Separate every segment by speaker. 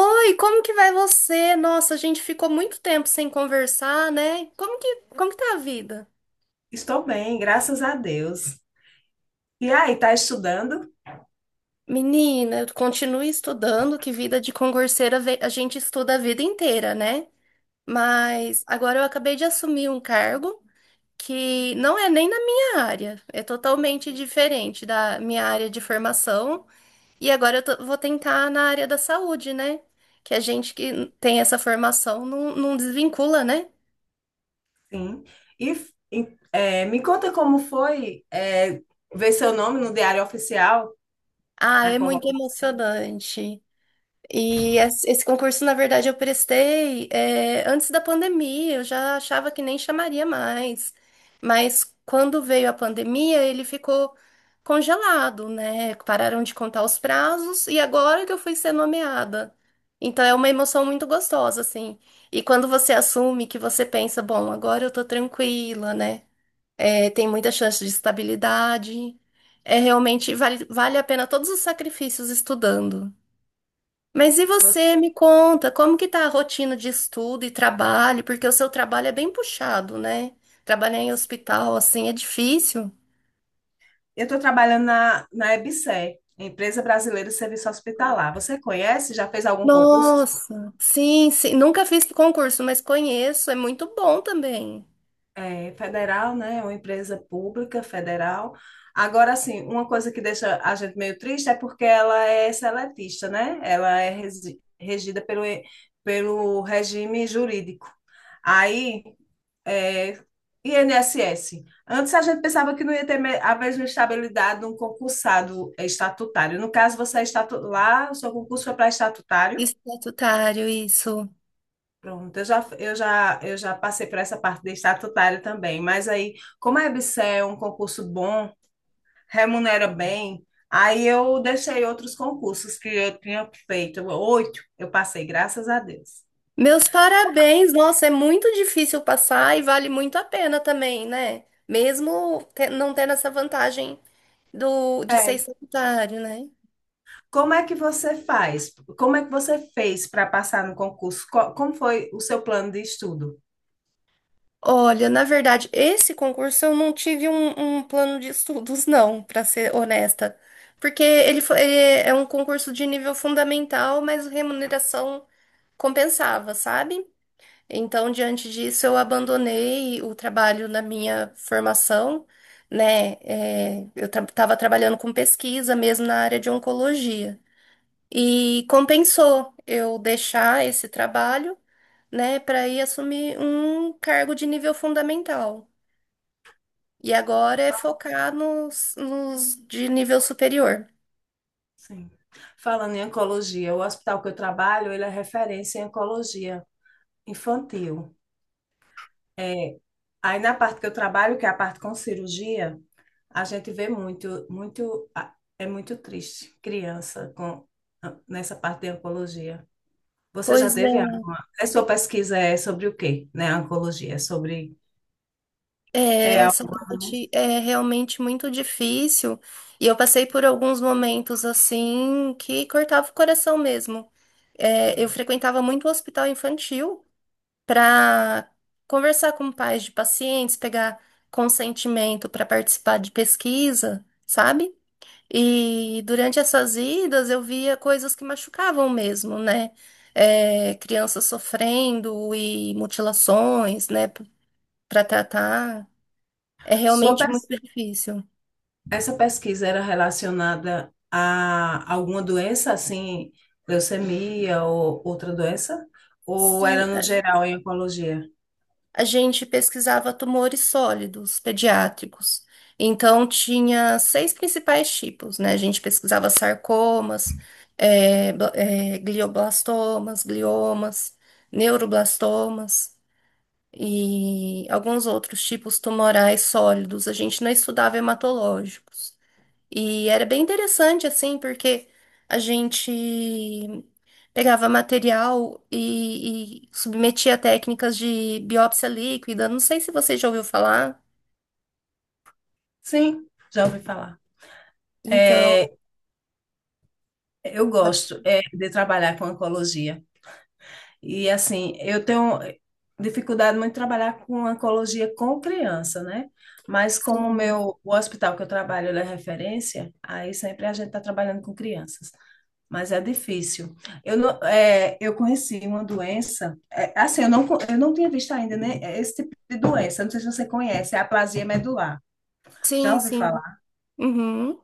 Speaker 1: Oi, como que vai você? Nossa, a gente ficou muito tempo sem conversar, né? Como que tá a vida?
Speaker 2: Estou bem, graças a Deus. E aí, tá estudando?
Speaker 1: Menina, eu continuo estudando, que vida de concurseira a gente estuda a vida inteira, né? Mas agora eu acabei de assumir um cargo que não é nem na minha área, é totalmente diferente da minha área de formação. E agora eu vou tentar na área da saúde, né? Que a gente que tem essa formação não desvincula, né?
Speaker 2: Sim. E, me conta como foi, ver seu nome no Diário Oficial,
Speaker 1: Ah,
Speaker 2: na
Speaker 1: é muito
Speaker 2: convocação.
Speaker 1: emocionante. E esse concurso, na verdade, eu prestei, antes da pandemia, eu já achava que nem chamaria mais. Mas quando veio a pandemia, ele ficou congelado, né? Pararam de contar os prazos e agora que eu fui ser nomeada. Então é uma emoção muito gostosa, assim. E quando você assume, que você pensa, bom, agora eu tô tranquila, né? É, tem muita chance de estabilidade. É realmente, vale a pena todos os sacrifícios estudando. Mas e você,
Speaker 2: Você-
Speaker 1: me conta, como que tá a rotina de estudo e trabalho? Porque o seu trabalho é bem puxado, né? Trabalhar em hospital, assim, é difícil.
Speaker 2: Eu estou trabalhando na EBSER, Empresa Brasileira de Serviço Hospitalar. Você conhece? Já fez algum concurso?
Speaker 1: Nossa, sim, sim. Nunca fiz concurso, mas conheço, é muito bom também.
Speaker 2: Federal, né? É uma empresa pública federal. Agora, assim, uma coisa que deixa a gente meio triste é porque ela é seletista, né? Ela é regida pelo regime jurídico. Aí, é, INSS. Antes a gente pensava que não ia ter a mesma estabilidade de um concursado estatutário. No caso, você é lá, o seu concurso foi para estatutário.
Speaker 1: Estatutário, isso.
Speaker 2: Pronto, eu já passei por essa parte de estatutário também, mas aí, como a EBSERH é um concurso bom, remunera bem, aí eu deixei outros concursos que eu tinha feito, oito, eu passei, graças a Deus.
Speaker 1: Meus parabéns, nossa, é muito difícil passar e vale muito a pena também, né? Mesmo não tendo essa vantagem de ser
Speaker 2: É.
Speaker 1: estatutário, né?
Speaker 2: Como é que você faz? Como é que você fez para passar no concurso? Como foi o seu plano de estudo?
Speaker 1: Olha, na verdade, esse concurso eu não tive um plano de estudos, não, para ser honesta. Porque ele é um concurso de nível fundamental, mas a remuneração compensava, sabe? Então, diante disso, eu abandonei o trabalho na minha formação, né? É, eu estava trabalhando com pesquisa mesmo na área de oncologia. E compensou eu deixar esse trabalho, né, para ir assumir um cargo de nível fundamental. E agora é
Speaker 2: Fa-
Speaker 1: focar nos de nível superior.
Speaker 2: Sim. Falando em oncologia, o hospital que eu trabalho, ele é referência em oncologia infantil. É, Aí na parte que eu trabalho, que é a parte com cirurgia, a gente vê muito, muito, é muito triste criança com nessa parte de oncologia. Você já
Speaker 1: Pois
Speaker 2: teve
Speaker 1: é,
Speaker 2: alguma? A sua pesquisa é sobre o quê, né? A oncologia, é sobre é
Speaker 1: essa
Speaker 2: alguma...
Speaker 1: parte é realmente muito difícil. E eu passei por alguns momentos assim que cortava o coração mesmo. É, eu frequentava muito o hospital infantil para conversar com pais de pacientes, pegar consentimento para participar de pesquisa, sabe? E durante essas idas eu via coisas que machucavam mesmo, né? É, crianças sofrendo e mutilações, né? Para tratar. É
Speaker 2: Sua
Speaker 1: realmente muito
Speaker 2: pes-
Speaker 1: difícil.
Speaker 2: Essa pesquisa era relacionada a alguma doença, assim, leucemia ou outra doença? Ou era
Speaker 1: Sim,
Speaker 2: no geral em oncologia?
Speaker 1: a gente pesquisava tumores sólidos pediátricos. Então, tinha seis principais tipos, né? A gente pesquisava sarcomas, glioblastomas, gliomas, neuroblastomas e alguns outros tipos tumorais sólidos. A gente não estudava hematológicos. E era bem interessante, assim, porque a gente pegava material e submetia a técnicas de biópsia líquida. Não sei se você já ouviu falar.
Speaker 2: Sim, já ouvi falar. É,
Speaker 1: Então,
Speaker 2: Eu
Speaker 1: pode...
Speaker 2: gosto é, de trabalhar com oncologia. E assim, eu tenho dificuldade muito em trabalhar com oncologia com criança, né? Mas como o
Speaker 1: Sim,
Speaker 2: meu, o hospital que eu trabalho, ele é referência, aí sempre a gente está trabalhando com crianças. Mas é difícil. Eu, não- eu conheci uma doença, assim, eu não tinha visto ainda, né, esse tipo de doença, não sei se você conhece, é a aplasia medular. Já
Speaker 1: sim,
Speaker 2: ouviu
Speaker 1: sim.
Speaker 2: falar?
Speaker 1: Uhum.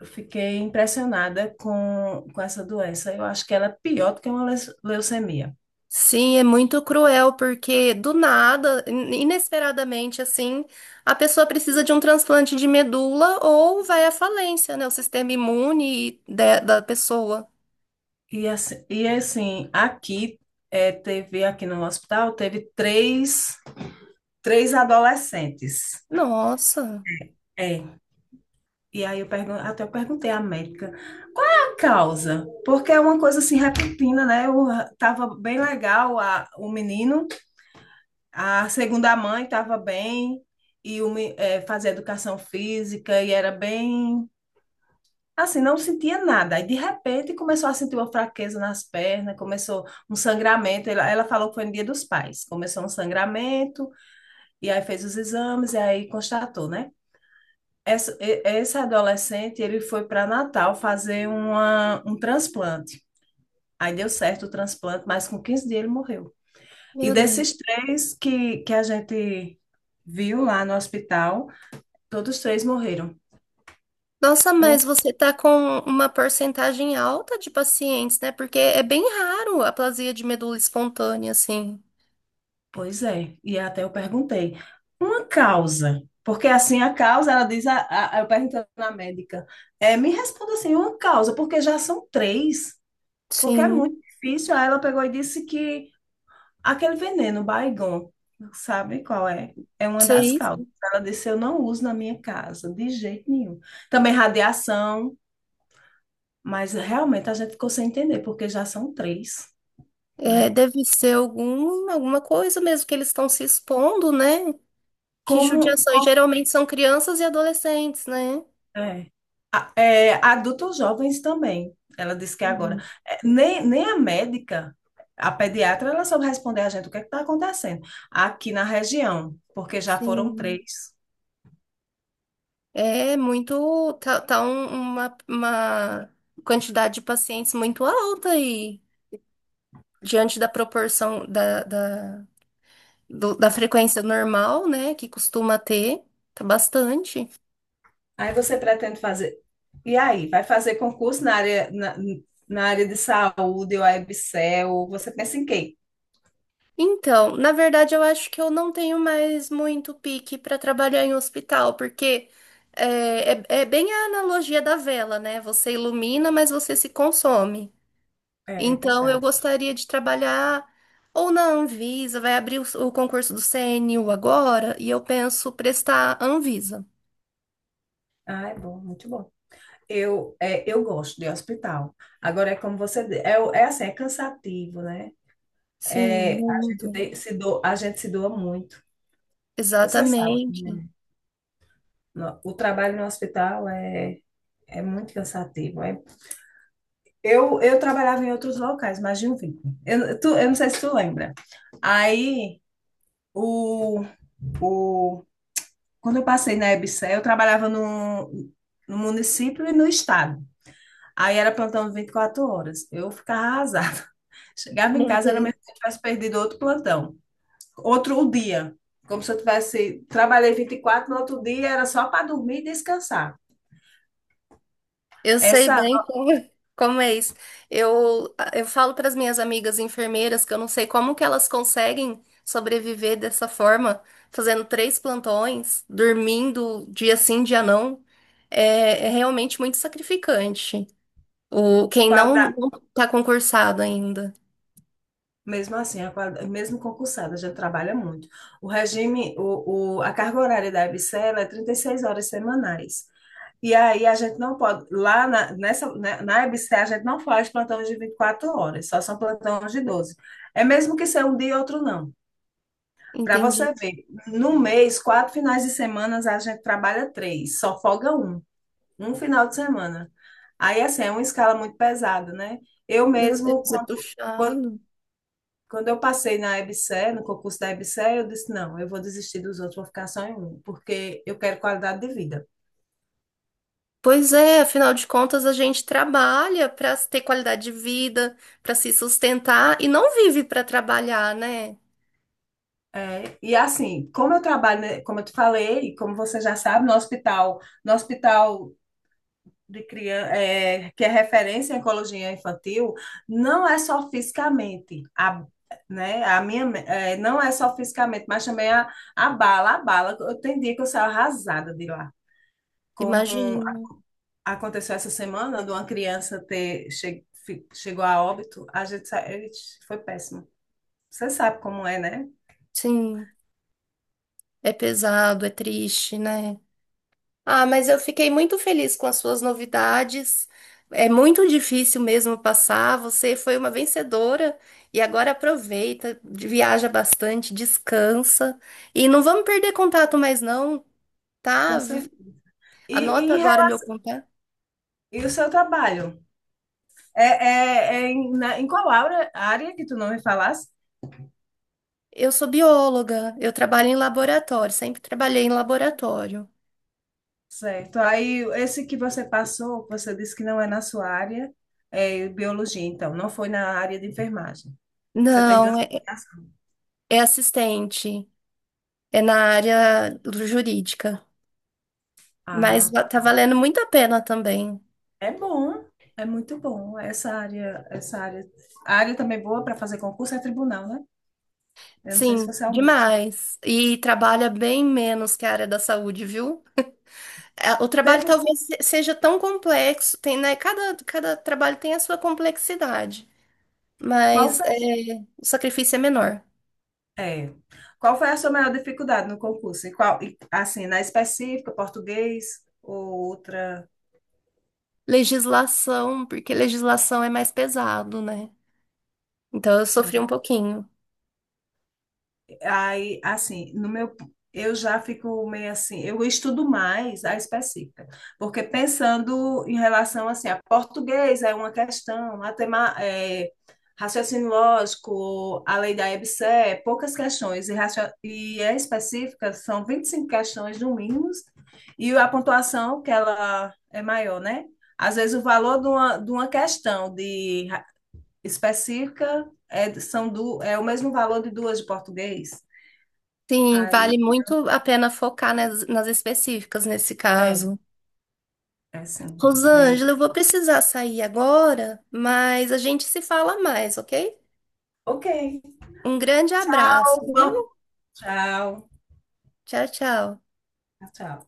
Speaker 2: Eu fiquei impressionada com essa doença. Eu acho que ela é pior do que uma leucemia.
Speaker 1: Sim, é muito cruel, porque do nada, inesperadamente, assim, a pessoa precisa de um transplante de medula ou vai à falência, né? O sistema imune da pessoa.
Speaker 2: E assim aqui teve, aqui no hospital, teve três adolescentes.
Speaker 1: Nossa,
Speaker 2: É. E aí eu pergun até eu perguntei à médica qual é a causa? Porque é uma coisa assim repentina, né? Tava bem legal o menino, a segunda mãe estava bem e fazia educação física e era bem. Assim, não sentia nada. Aí, de repente, começou a sentir uma fraqueza nas pernas, começou um sangramento. Ela falou que foi no Dia dos Pais. Começou um sangramento, e aí fez os exames, e aí constatou, né? Esse adolescente, ele foi para Natal fazer um transplante. Aí deu certo o transplante, mas com 15 dias ele morreu. E
Speaker 1: meu Deus.
Speaker 2: desses três que a gente viu lá no hospital, todos três morreram.
Speaker 1: Nossa, mas
Speaker 2: Um.
Speaker 1: você tá com uma porcentagem alta de pacientes, né? Porque é bem raro a aplasia de medula espontânea, assim.
Speaker 2: Pois é, e até eu perguntei, uma causa, porque assim a causa, ela diz, eu perguntei na médica, me responda assim, uma causa, porque já são três, porque é
Speaker 1: Sim,
Speaker 2: muito difícil. Aí ela pegou e disse que aquele veneno, Baygon, sabe qual é? É uma das
Speaker 1: sei.
Speaker 2: causas. Ela disse, eu não uso na minha casa, de jeito nenhum. Também radiação, mas realmente a gente ficou sem entender, porque já são três,
Speaker 1: É,
Speaker 2: né?
Speaker 1: deve ser alguma coisa mesmo que eles estão se expondo, né? Que
Speaker 2: Como.
Speaker 1: judiação. E geralmente são crianças e adolescentes, né?
Speaker 2: É. Adultos jovens também, ela disse que agora.
Speaker 1: Uhum.
Speaker 2: Nem a médica, a pediatra, ela soube responder a gente o que está acontecendo aqui na região, porque já foram
Speaker 1: Sim.
Speaker 2: três.
Speaker 1: É muito. Tá uma quantidade de pacientes muito alta aí, diante da proporção da da frequência normal, né, que costuma ter, tá bastante.
Speaker 2: Aí você pretende fazer. E aí, vai fazer concurso na área, na área de saúde, ou a EBSERH, você pensa em quê?
Speaker 1: Então, na verdade, eu acho que eu não tenho mais muito pique para trabalhar em hospital, porque é bem a analogia da vela, né? Você ilumina, mas você se consome.
Speaker 2: É
Speaker 1: Então, eu
Speaker 2: verdade.
Speaker 1: gostaria de trabalhar ou na Anvisa. Vai abrir o concurso do CNU agora, e eu penso prestar Anvisa.
Speaker 2: Ah, é bom, muito bom. Eu gosto de hospital. Agora, é como você, é assim, é cansativo, né?
Speaker 1: Sim,
Speaker 2: É, a gente
Speaker 1: muito.
Speaker 2: tem- se do, a gente se doa muito. Você sabe,
Speaker 1: Exatamente.
Speaker 2: o trabalho no hospital é, muito cansativo. Eu trabalhava em outros locais, mas de um vínculo. Eu não sei se tu lembra. Aí, o, o, quando eu passei na EBSERH, eu trabalhava no município e no estado. Aí era plantão 24 horas. Eu ficava arrasada. Chegava em
Speaker 1: Meu
Speaker 2: casa, era
Speaker 1: Deus.
Speaker 2: mesmo se eu tivesse perdido outro plantão, outro dia, como se eu tivesse, trabalhei 24 no outro dia era só para dormir e descansar.
Speaker 1: Eu sei
Speaker 2: Essa
Speaker 1: bem como, como é isso. Eu falo para as minhas amigas enfermeiras que eu não sei como que elas conseguem sobreviver dessa forma, fazendo três plantões, dormindo dia sim, dia não. É, é realmente muito sacrificante. O, quem não
Speaker 2: qualidade,
Speaker 1: não está concursado ainda.
Speaker 2: mesmo assim, a qualidade, mesmo concursada, já trabalha muito. O regime, o, a carga horária da EBSERH é 36 horas semanais. E aí a gente não pode, lá nessa, né, na EBSERH a gente não faz plantões de 24 horas, só são plantões de 12. É mesmo que seja um dia e outro não. Para
Speaker 1: Entendi.
Speaker 2: você ver, no mês, quatro finais de semana, a gente trabalha três, só folga um. Um final de semana. Aí, assim, é uma escala muito pesada, né? Eu
Speaker 1: Meu
Speaker 2: mesmo,
Speaker 1: Deus, é
Speaker 2: quando,
Speaker 1: puxado.
Speaker 2: quando eu passei na EBSERH, no concurso da EBSERH, eu disse, não, eu vou desistir dos outros, vou ficar só em um, porque eu quero qualidade de vida.
Speaker 1: Pois é, afinal de contas, a gente trabalha para ter qualidade de vida, para se sustentar e não vive para trabalhar, né?
Speaker 2: É, e assim, como eu trabalho, né, como eu te falei, e como você já sabe, no hospital de criança, que é referência em oncologia infantil, não é só fisicamente, né? Não é só fisicamente, mas também a bala, a bala. Eu tem dia que eu saio arrasada de lá. Como
Speaker 1: Imagino.
Speaker 2: aconteceu essa semana, de uma criança chegou a óbito, Ixi, foi péssimo. Você sabe como é, né?
Speaker 1: Sim, é pesado, é triste, né? Ah, mas eu fiquei muito feliz com as suas novidades. É muito difícil mesmo passar. Você foi uma vencedora e agora aproveita, viaja bastante, descansa e não vamos perder contato mais não,
Speaker 2: Com
Speaker 1: tá?
Speaker 2: cer- E, e,
Speaker 1: Anota
Speaker 2: em
Speaker 1: agora
Speaker 2: rela-
Speaker 1: meu contato.
Speaker 2: e o seu trabalho? Em qual área que tu não me falasse?
Speaker 1: Eu sou bióloga, eu trabalho em laboratório, sempre trabalhei em laboratório.
Speaker 2: Certo. Aí, esse que você passou, que você disse que não é na sua área, é biologia, então, não foi na área de enfermagem. Você tem
Speaker 1: Não,
Speaker 2: duas
Speaker 1: é
Speaker 2: aplicações.
Speaker 1: é assistente, é na área jurídica. Mas
Speaker 2: Ah,
Speaker 1: tá valendo muito a pena também.
Speaker 2: é bom, é muito bom. Essa área, a área também boa para fazer concurso é tribunal, né? Eu não sei se
Speaker 1: Sim,
Speaker 2: você almeja.
Speaker 1: demais. E trabalha bem menos que a área da saúde, viu? É, o trabalho
Speaker 2: Teve,
Speaker 1: talvez seja tão complexo, tem, né? Cada trabalho tem a sua complexidade,
Speaker 2: qual
Speaker 1: mas
Speaker 2: foi,
Speaker 1: é, o sacrifício é menor.
Speaker 2: é, qual foi a sua maior dificuldade no concurso? Assim, na específica, português ou outra?
Speaker 1: Legislação, porque legislação é mais pesado, né? Então eu sofri um
Speaker 2: Sim.
Speaker 1: pouquinho.
Speaker 2: Aí, assim, no meu, eu já fico meio assim, eu estudo mais a específica, porque pensando em relação assim, a português é uma questão, raciocínio lógico, a lei da EBC, é poucas questões, e a específica são 25 questões no mínimo, e a pontuação que ela é maior, né? Às vezes o valor de uma, questão específica é o mesmo valor de duas de português.
Speaker 1: Sim, vale
Speaker 2: Aí,
Speaker 1: muito a pena focar nas específicas nesse
Speaker 2: é,
Speaker 1: caso.
Speaker 2: é sim, também.
Speaker 1: Rosângela, eu vou precisar sair agora, mas a gente se fala mais, ok?
Speaker 2: Ok,
Speaker 1: Um grande abraço, viu?
Speaker 2: Alguma tchau,
Speaker 1: Tchau, tchau.
Speaker 2: tchau.